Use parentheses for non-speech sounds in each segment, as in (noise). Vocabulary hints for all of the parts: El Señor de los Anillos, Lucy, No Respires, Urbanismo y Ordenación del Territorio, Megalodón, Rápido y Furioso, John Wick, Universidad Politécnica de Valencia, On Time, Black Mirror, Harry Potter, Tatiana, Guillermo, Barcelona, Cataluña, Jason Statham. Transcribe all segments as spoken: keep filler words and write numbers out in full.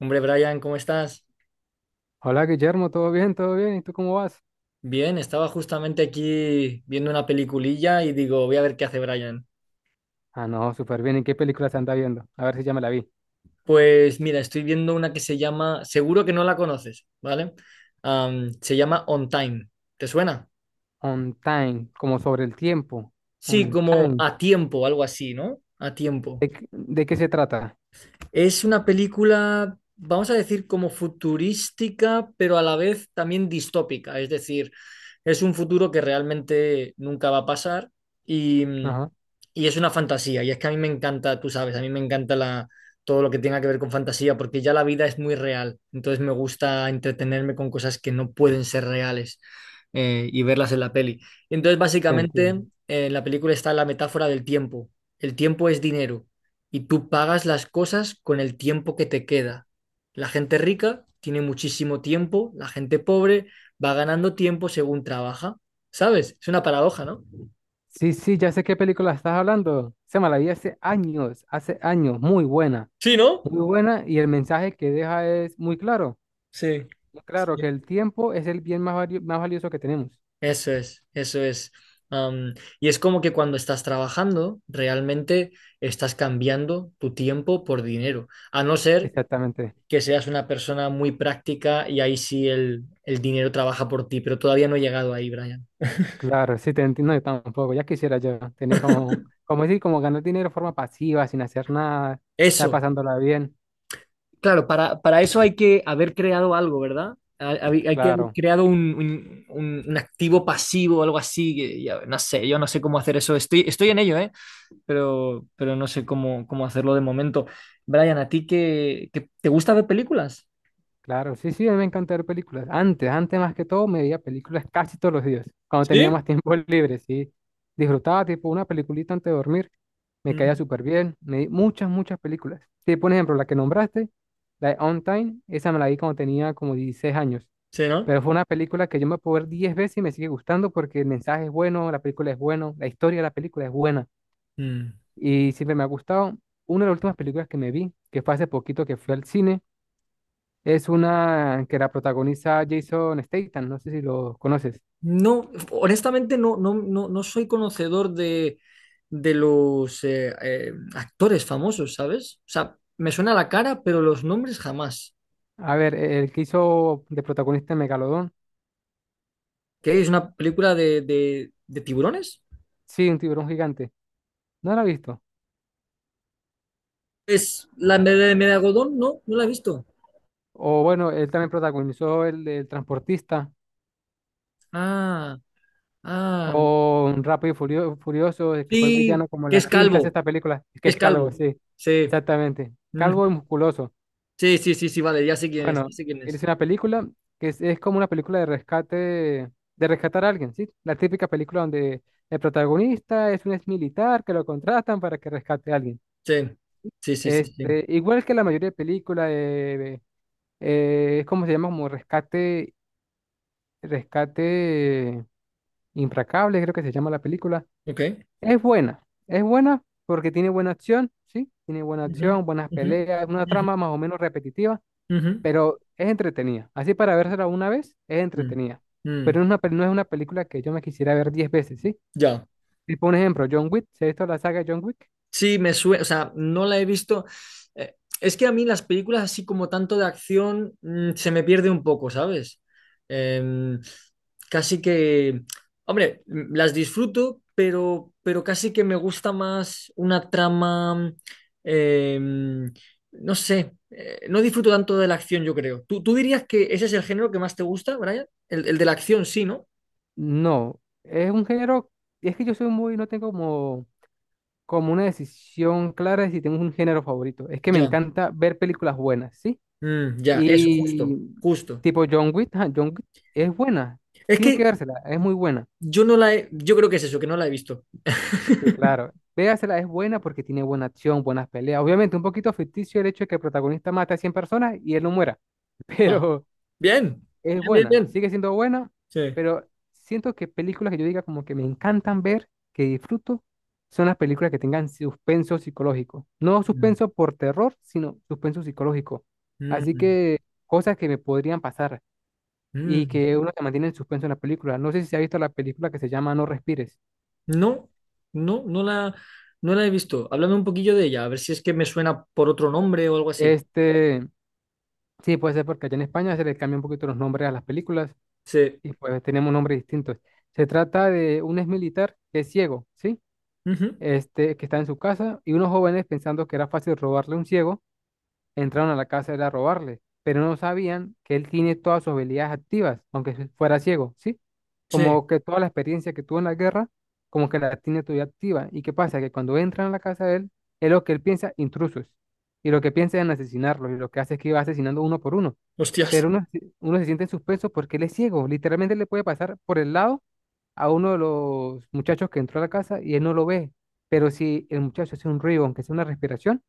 Hombre, Brian, ¿cómo estás? Hola Guillermo, ¿todo bien? ¿Todo bien? ¿Y tú cómo vas? Bien, estaba justamente aquí viendo una peliculilla y digo, voy a ver qué hace Brian. Ah, no, súper bien. ¿En qué película se anda viendo? A ver si ya me la vi. Pues mira, estoy viendo una que se llama, seguro que no la conoces, ¿vale? Am, se llama On Time. ¿Te suena? On Time, como sobre el tiempo. Sí, On como Time. a tiempo, algo así, ¿no? A tiempo. ¿De, qué de qué se trata? Es una película, vamos a decir, como futurística, pero a la vez también distópica. Es decir, es un futuro que realmente nunca va a pasar y, Ajá, y es una fantasía. Y es que a mí me encanta, tú sabes, a mí me encanta la, todo lo que tenga que ver con fantasía, porque ya la vida es muy real. Entonces me gusta entretenerme con cosas que no pueden ser reales eh, y verlas en la peli. Entonces, te básicamente, entiendo. eh, en la película está la metáfora del tiempo. El tiempo es dinero y tú pagas las cosas con el tiempo que te queda. La gente rica tiene muchísimo tiempo, la gente pobre va ganando tiempo según trabaja. ¿Sabes? Es una paradoja, ¿no? Sí, sí, ya sé qué película estás hablando. Se me la vi hace años, hace años. Muy buena, Sí, ¿no? muy buena. Y el mensaje que deja es muy claro. Sí. Muy claro, que Sí. el tiempo es el bien más valio- más valioso que tenemos. Eso es, eso es. Am, y es como que cuando estás trabajando, realmente estás cambiando tu tiempo por dinero, a no ser Exactamente. que seas una persona muy práctica y ahí sí el, el dinero trabaja por ti, pero todavía no he llegado ahí, Brian. Claro, sí, te entiendo yo tampoco. Ya quisiera yo tener como, como decir, como ganar dinero de forma pasiva, sin hacer nada, estar Eso. pasándola bien. Claro, para, para eso hay que haber creado algo, ¿verdad? Hay, hay- hay que haber Claro. creado un, un- un- un activo pasivo algo así. Que ya- no sé, yo no sé cómo hacer eso. Estoy, estoy en ello, ¿eh? Pero, pero no sé cómo, cómo hacerlo de momento. Brian, ¿a ti qué, qué- te gusta ver películas? Claro, sí, sí, a mí me encanta ver películas. Antes, antes más que todo, me veía películas casi todos los días, cuando tenía ¿Sí? más tiempo (laughs) libre, sí. Disfrutaba tipo una peliculita antes de dormir, me caía Mm. súper bien, me vi muchas, muchas películas. Sí, por ejemplo, la que nombraste, la de On Time, esa me la vi cuando tenía como dieciséis años, Sí, ¿no? pero fue una película que yo me puedo ver diez veces y me sigue gustando porque el mensaje es bueno, la película es bueno, la historia de la película es buena Mm. y siempre me ha gustado. Una de las últimas películas que me vi, que fue hace poquito que fui al cine, es una que la protagoniza Jason Statham, no sé si lo conoces. No, honestamente no, no, no, no soy conocedor de, de los eh, eh, actores famosos, ¿sabes? O sea, me suena la cara, pero los nombres jamás. A ver, el que hizo de protagonista en Megalodón, ¿Qué es una película de, de, de tiburones? sí, un tiburón gigante. ¿No lo has visto? Es la de, de Megalodón, no, no la he visto. O bueno, él también protagonizó el del transportista Ah, ah, o un Rápido y Furio- Furioso, el que fue sí, villano como en que la es quinta, calvo, sexta película, que es es calvo, calvo. sí, Sí. exactamente. Mm. Calvo y musculoso. Sí, sí, sí, sí, vale, ya sé quién es, Bueno, ya sé quién es es. una película que es, es como una película de rescate, de rescatar a alguien, ¿sí? La típica película donde el protagonista es un ex militar que lo contratan para que rescate a alguien. Sí, sí, sí, sí, sí. Este, igual que la mayoría de películas, eh, eh, es como se llama, como rescate, rescate implacable, creo que se llama la película. Ok. Es buena, es buena porque tiene buena acción, ¿sí? Tiene buena Ujú, acción, buenas ujú, peleas, una ujú, trama más o menos repetitiva ujú. pero es entretenida. Así para vérsela una vez, es Mm, entretenida. Pero mm. no es una, pel- no es una película que yo me quisiera ver diez veces, ¿sí? Ya. Tipo un ejemplo, John Wick, ¿se ha visto la saga de John Wick? Sí, me suena, o sea, no la he visto. Eh, es que a mí las películas así como tanto de acción mm, se me pierde un poco, ¿sabes? Em, Casi que, hombre, m- las disfruto, pero, pero casi que me gusta más una trama, em, no sé, eh, no disfruto tanto de la acción, yo creo. ¿Tú, tú dirías que ese es el género que más te gusta, Brian? El, el de la acción, sí, ¿no? No, es un género, es que yo soy muy, no tengo como, como una decisión clara de si tengo un género favorito. Es que me Ya. encanta ver películas buenas, ¿sí? Mm, ya, eso, Y justo, justo. tipo John Wick, ajá, John Wick es buena, Es tiene que que vérsela, es muy buena. yo no la he, yo creo que es eso, que no la he visto. Sí, claro. Véasela, es buena porque tiene buena acción, buenas peleas. Obviamente, un poquito ficticio el hecho de que el protagonista mate a cien personas y él no muera. (laughs) Ah, Pero bien, es bien, bien, buena, bien. sigue siendo buena, Sí. pero siento que películas que yo diga como que me encantan ver, que disfruto, son las películas que tengan suspenso psicológico. No Mm, suspenso por terror, sino suspenso psicológico. Así mm, que cosas que me podrían pasar y mm. que uno se mantiene en suspenso en la película. No sé si se ha visto la película que se llama No Respires. No, no, no la, no la he visto. Háblame un poquillo de ella, a ver si es que me suena por otro nombre o algo así. Este... Sí, puede ser porque allá en España se le cambia un poquito los nombres a las películas Sí. y pues tenemos nombres distintos. Se trata de un exmilitar que es ciego, ¿sí? Ujú. Este, que está en su casa y unos jóvenes pensando que era fácil robarle a un ciego, entraron a la casa de él a robarle, pero no sabían que él tiene todas sus habilidades activas, aunque se- fuera ciego, ¿sí? Sí. Como que toda la experiencia que tuvo en la guerra, como que la tiene todavía activa. ¿Y qué pasa? Que cuando entran a la casa de él, es lo que él piensa, intrusos. Y lo que piensa es en asesinarlos, y lo que hace es que va asesinando uno por uno Hostias, pero uno, se- uno se siente en suspenso porque él es ciego. Literalmente le puede pasar por el lado a uno de los muchachos que entró a la casa y él no lo ve. Pero si el muchacho hace un ruido, aunque sea una respiración,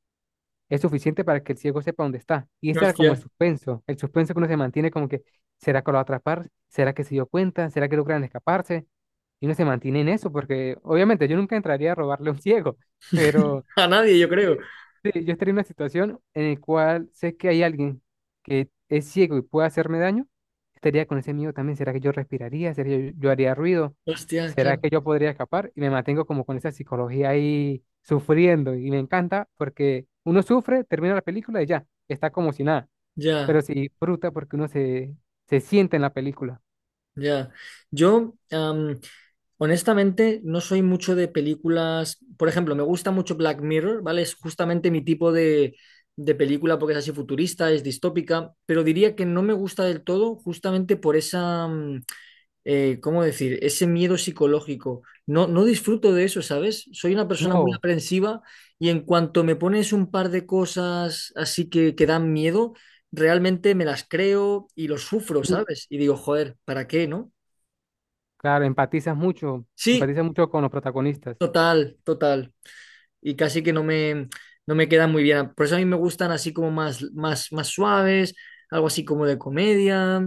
es suficiente para que el ciego sepa dónde está. Y ese era como el hostia. suspenso, el suspenso que uno se mantiene como que, ¿será que lo va a atrapar? ¿Será que se dio cuenta? ¿Será que logran escaparse? Y uno se mantiene en eso porque obviamente yo nunca entraría a robarle a un ciego, (laughs) pero... (laughs) A nadie, yo creo. Sí, sí, yo estaría en una situación en la cual sé que hay alguien que es ciego y puede hacerme daño. Estaría con ese miedo también. ¿Será que yo respiraría? ¿Será que yo, yo haría ruido? Hostia, ¿Será claro. que yo podría escapar? Y me mantengo como con esa psicología ahí sufriendo. Y me encanta porque uno sufre, termina la película y ya, está como si nada. Pero Ya, se disfruta porque uno se, se siente en la película. ya. Yo, am, honestamente, no soy mucho de películas. Por ejemplo, me gusta mucho Black Mirror, ¿vale? Es justamente mi tipo de, de película porque es así futurista, es distópica, pero diría que no me gusta del todo justamente por esa, mm, eh, ¿cómo decir? Ese miedo psicológico. No, no disfruto de eso, ¿sabes? Soy una persona muy No, aprensiva y en cuanto me pones un par de cosas así que, que dan miedo, realmente me las creo y lo sufro, mm, ¿sabes? Y digo, joder, ¿para qué, no? claro, empatizas mucho, Sí, empatizas mucho con los protagonistas. total, total. Y casi que no me, no me quedan muy bien. Por eso a mí me gustan así como más, más, más suaves, algo así como de comedia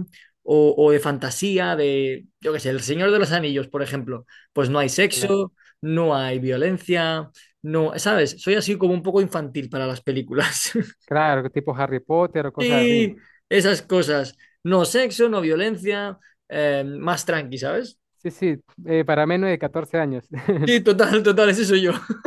o, o de fantasía, de, yo qué sé, El Señor de los Anillos, por ejemplo. Pues no hay Claro, sexo, no hay violencia, no, ¿sabes? Soy así como un poco infantil para las películas. (laughs) claro, tipo Harry Potter o cosas así. Sí, esas cosas. No sexo, no violencia, eh, más tranqui, ¿sabes? Sí, sí, eh, para menos de catorce años. (laughs) Sí, total, total, ese soy yo. (laughs)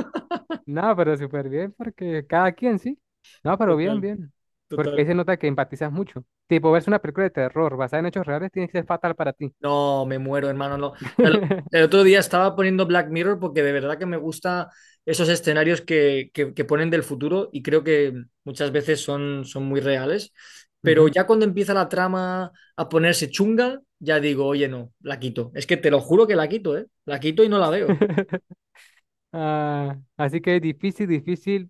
No, pero súper bien, porque cada quien, sí. No, pero bien, Total, bien. Porque ahí total. se nota que empatizas mucho. Tipo, verse una película de terror basada en hechos reales tiene que ser fatal para ti. No, me muero, hermano. No. O sea, lo- el (laughs) otro día estaba poniendo Black Mirror porque de verdad que me gusta esos escenarios que, que- que ponen del futuro y creo que muchas veces son, son muy reales. Pero Ujú. ya cuando empieza la trama a ponerse chunga, ya digo, oye, no, la quito. Es que te lo juro que la quito, ¿eh? La quito y no la veo. (laughs) Ah, así que difícil, difícil,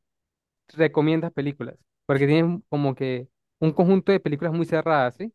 recomiendas películas. Porque tienen como que un conjunto de películas muy cerradas, ¿sí?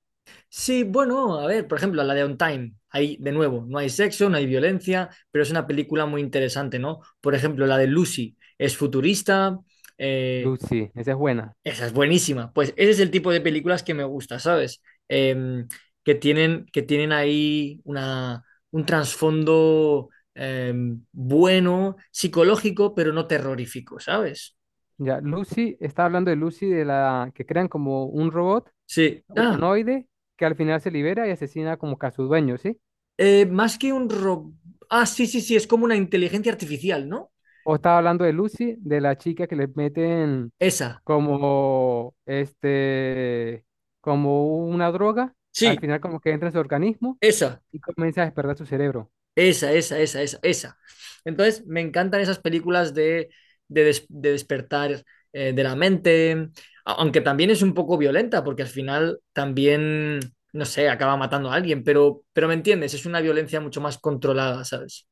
Sí, bueno, a ver, por ejemplo, la de On Time. Ahí, de nuevo, no hay sexo, no hay violencia, pero es una película muy interesante, ¿no? Por ejemplo, la de Lucy es futurista. eh, Lucy, esa es buena. Esa es buenísima. Pues ese es el tipo de películas que me gusta, ¿sabes? Em, que tienen, que tienen ahí una, un trasfondo em, bueno, psicológico, pero no terrorífico, ¿sabes? Ya, Lucy, está hablando de Lucy, de la que crean como un robot Sí. Ah, humanoide que al final se libera y asesina como que a su dueño, ¿sí? eh, más que un ro- ah, sí, sí, sí, es como una inteligencia artificial, ¿no? O estaba hablando de Lucy, de la chica que le meten Esa. como este, como una droga, Sí, al final como que entra en su organismo esa. y comienza a despertar su cerebro. Esa, esa, esa, esa, esa. Entonces, me encantan esas películas de, de, des- de despertar eh, de la mente, a- aunque también es un poco violenta, porque al final también, no sé, acaba matando a alguien, pero, pero me entiendes, es una violencia mucho más controlada, ¿sabes?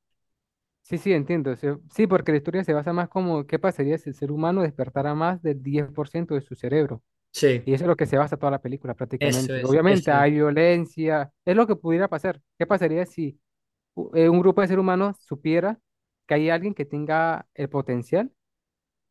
Sí, sí, entiendo. se- Sí, porque la historia se basa más como qué pasaría si el ser humano despertara más del diez por ciento de su cerebro. Y Sí, eso es lo que se basa toda la película eso prácticamente. es, Obviamente eso es, hay violencia, es lo que pudiera pasar. ¿Qué pasaría si u- eh, un grupo de seres humanos supiera que hay alguien que tenga el potencial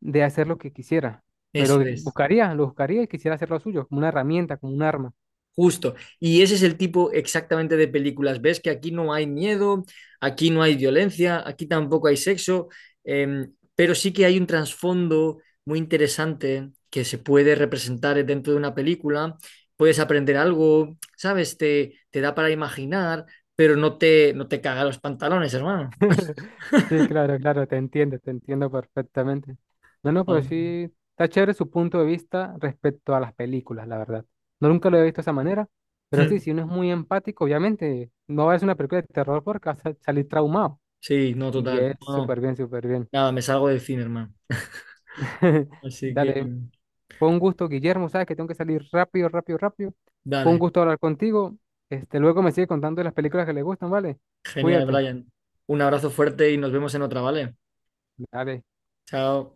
de hacer lo que quisiera, eso pero es. buscaría, lo buscaría y quisiera hacer lo suyo, como una herramienta, como un arma. Justo. Y ese es el tipo exactamente de películas. Ves que aquí no hay miedo, aquí no hay violencia, aquí tampoco hay sexo, eh, pero sí que hay un trasfondo muy interesante que se puede representar dentro de una película. Puedes aprender algo, ¿sabes? Te, te da para imaginar, pero no te, no te caga los pantalones, hermano. (laughs) Sí, claro, claro, te entiendo, te entiendo perfectamente. No, no, pero Oh. sí, está chévere su punto de vista respecto a las películas, la verdad. No nunca lo he visto de esa manera, pero sí, si uno (laughs) es muy empático, obviamente, no va a ver una película de terror porque va a sa- salir traumado. Sí, no, Y total. es No, no. súper bien, súper bien. Nada, me salgo del cine, hermano. (laughs) Así que, Dale. Fue un gusto, Guillermo, sabes que tengo que salir rápido, rápido, rápido. Fue un dale. gusto hablar contigo. Este, luego me sigue contando de las películas que le gustan, ¿vale? Genial, Cuídate. Brian. Un abrazo fuerte y nos vemos en otra, ¿vale? Dale. Chao.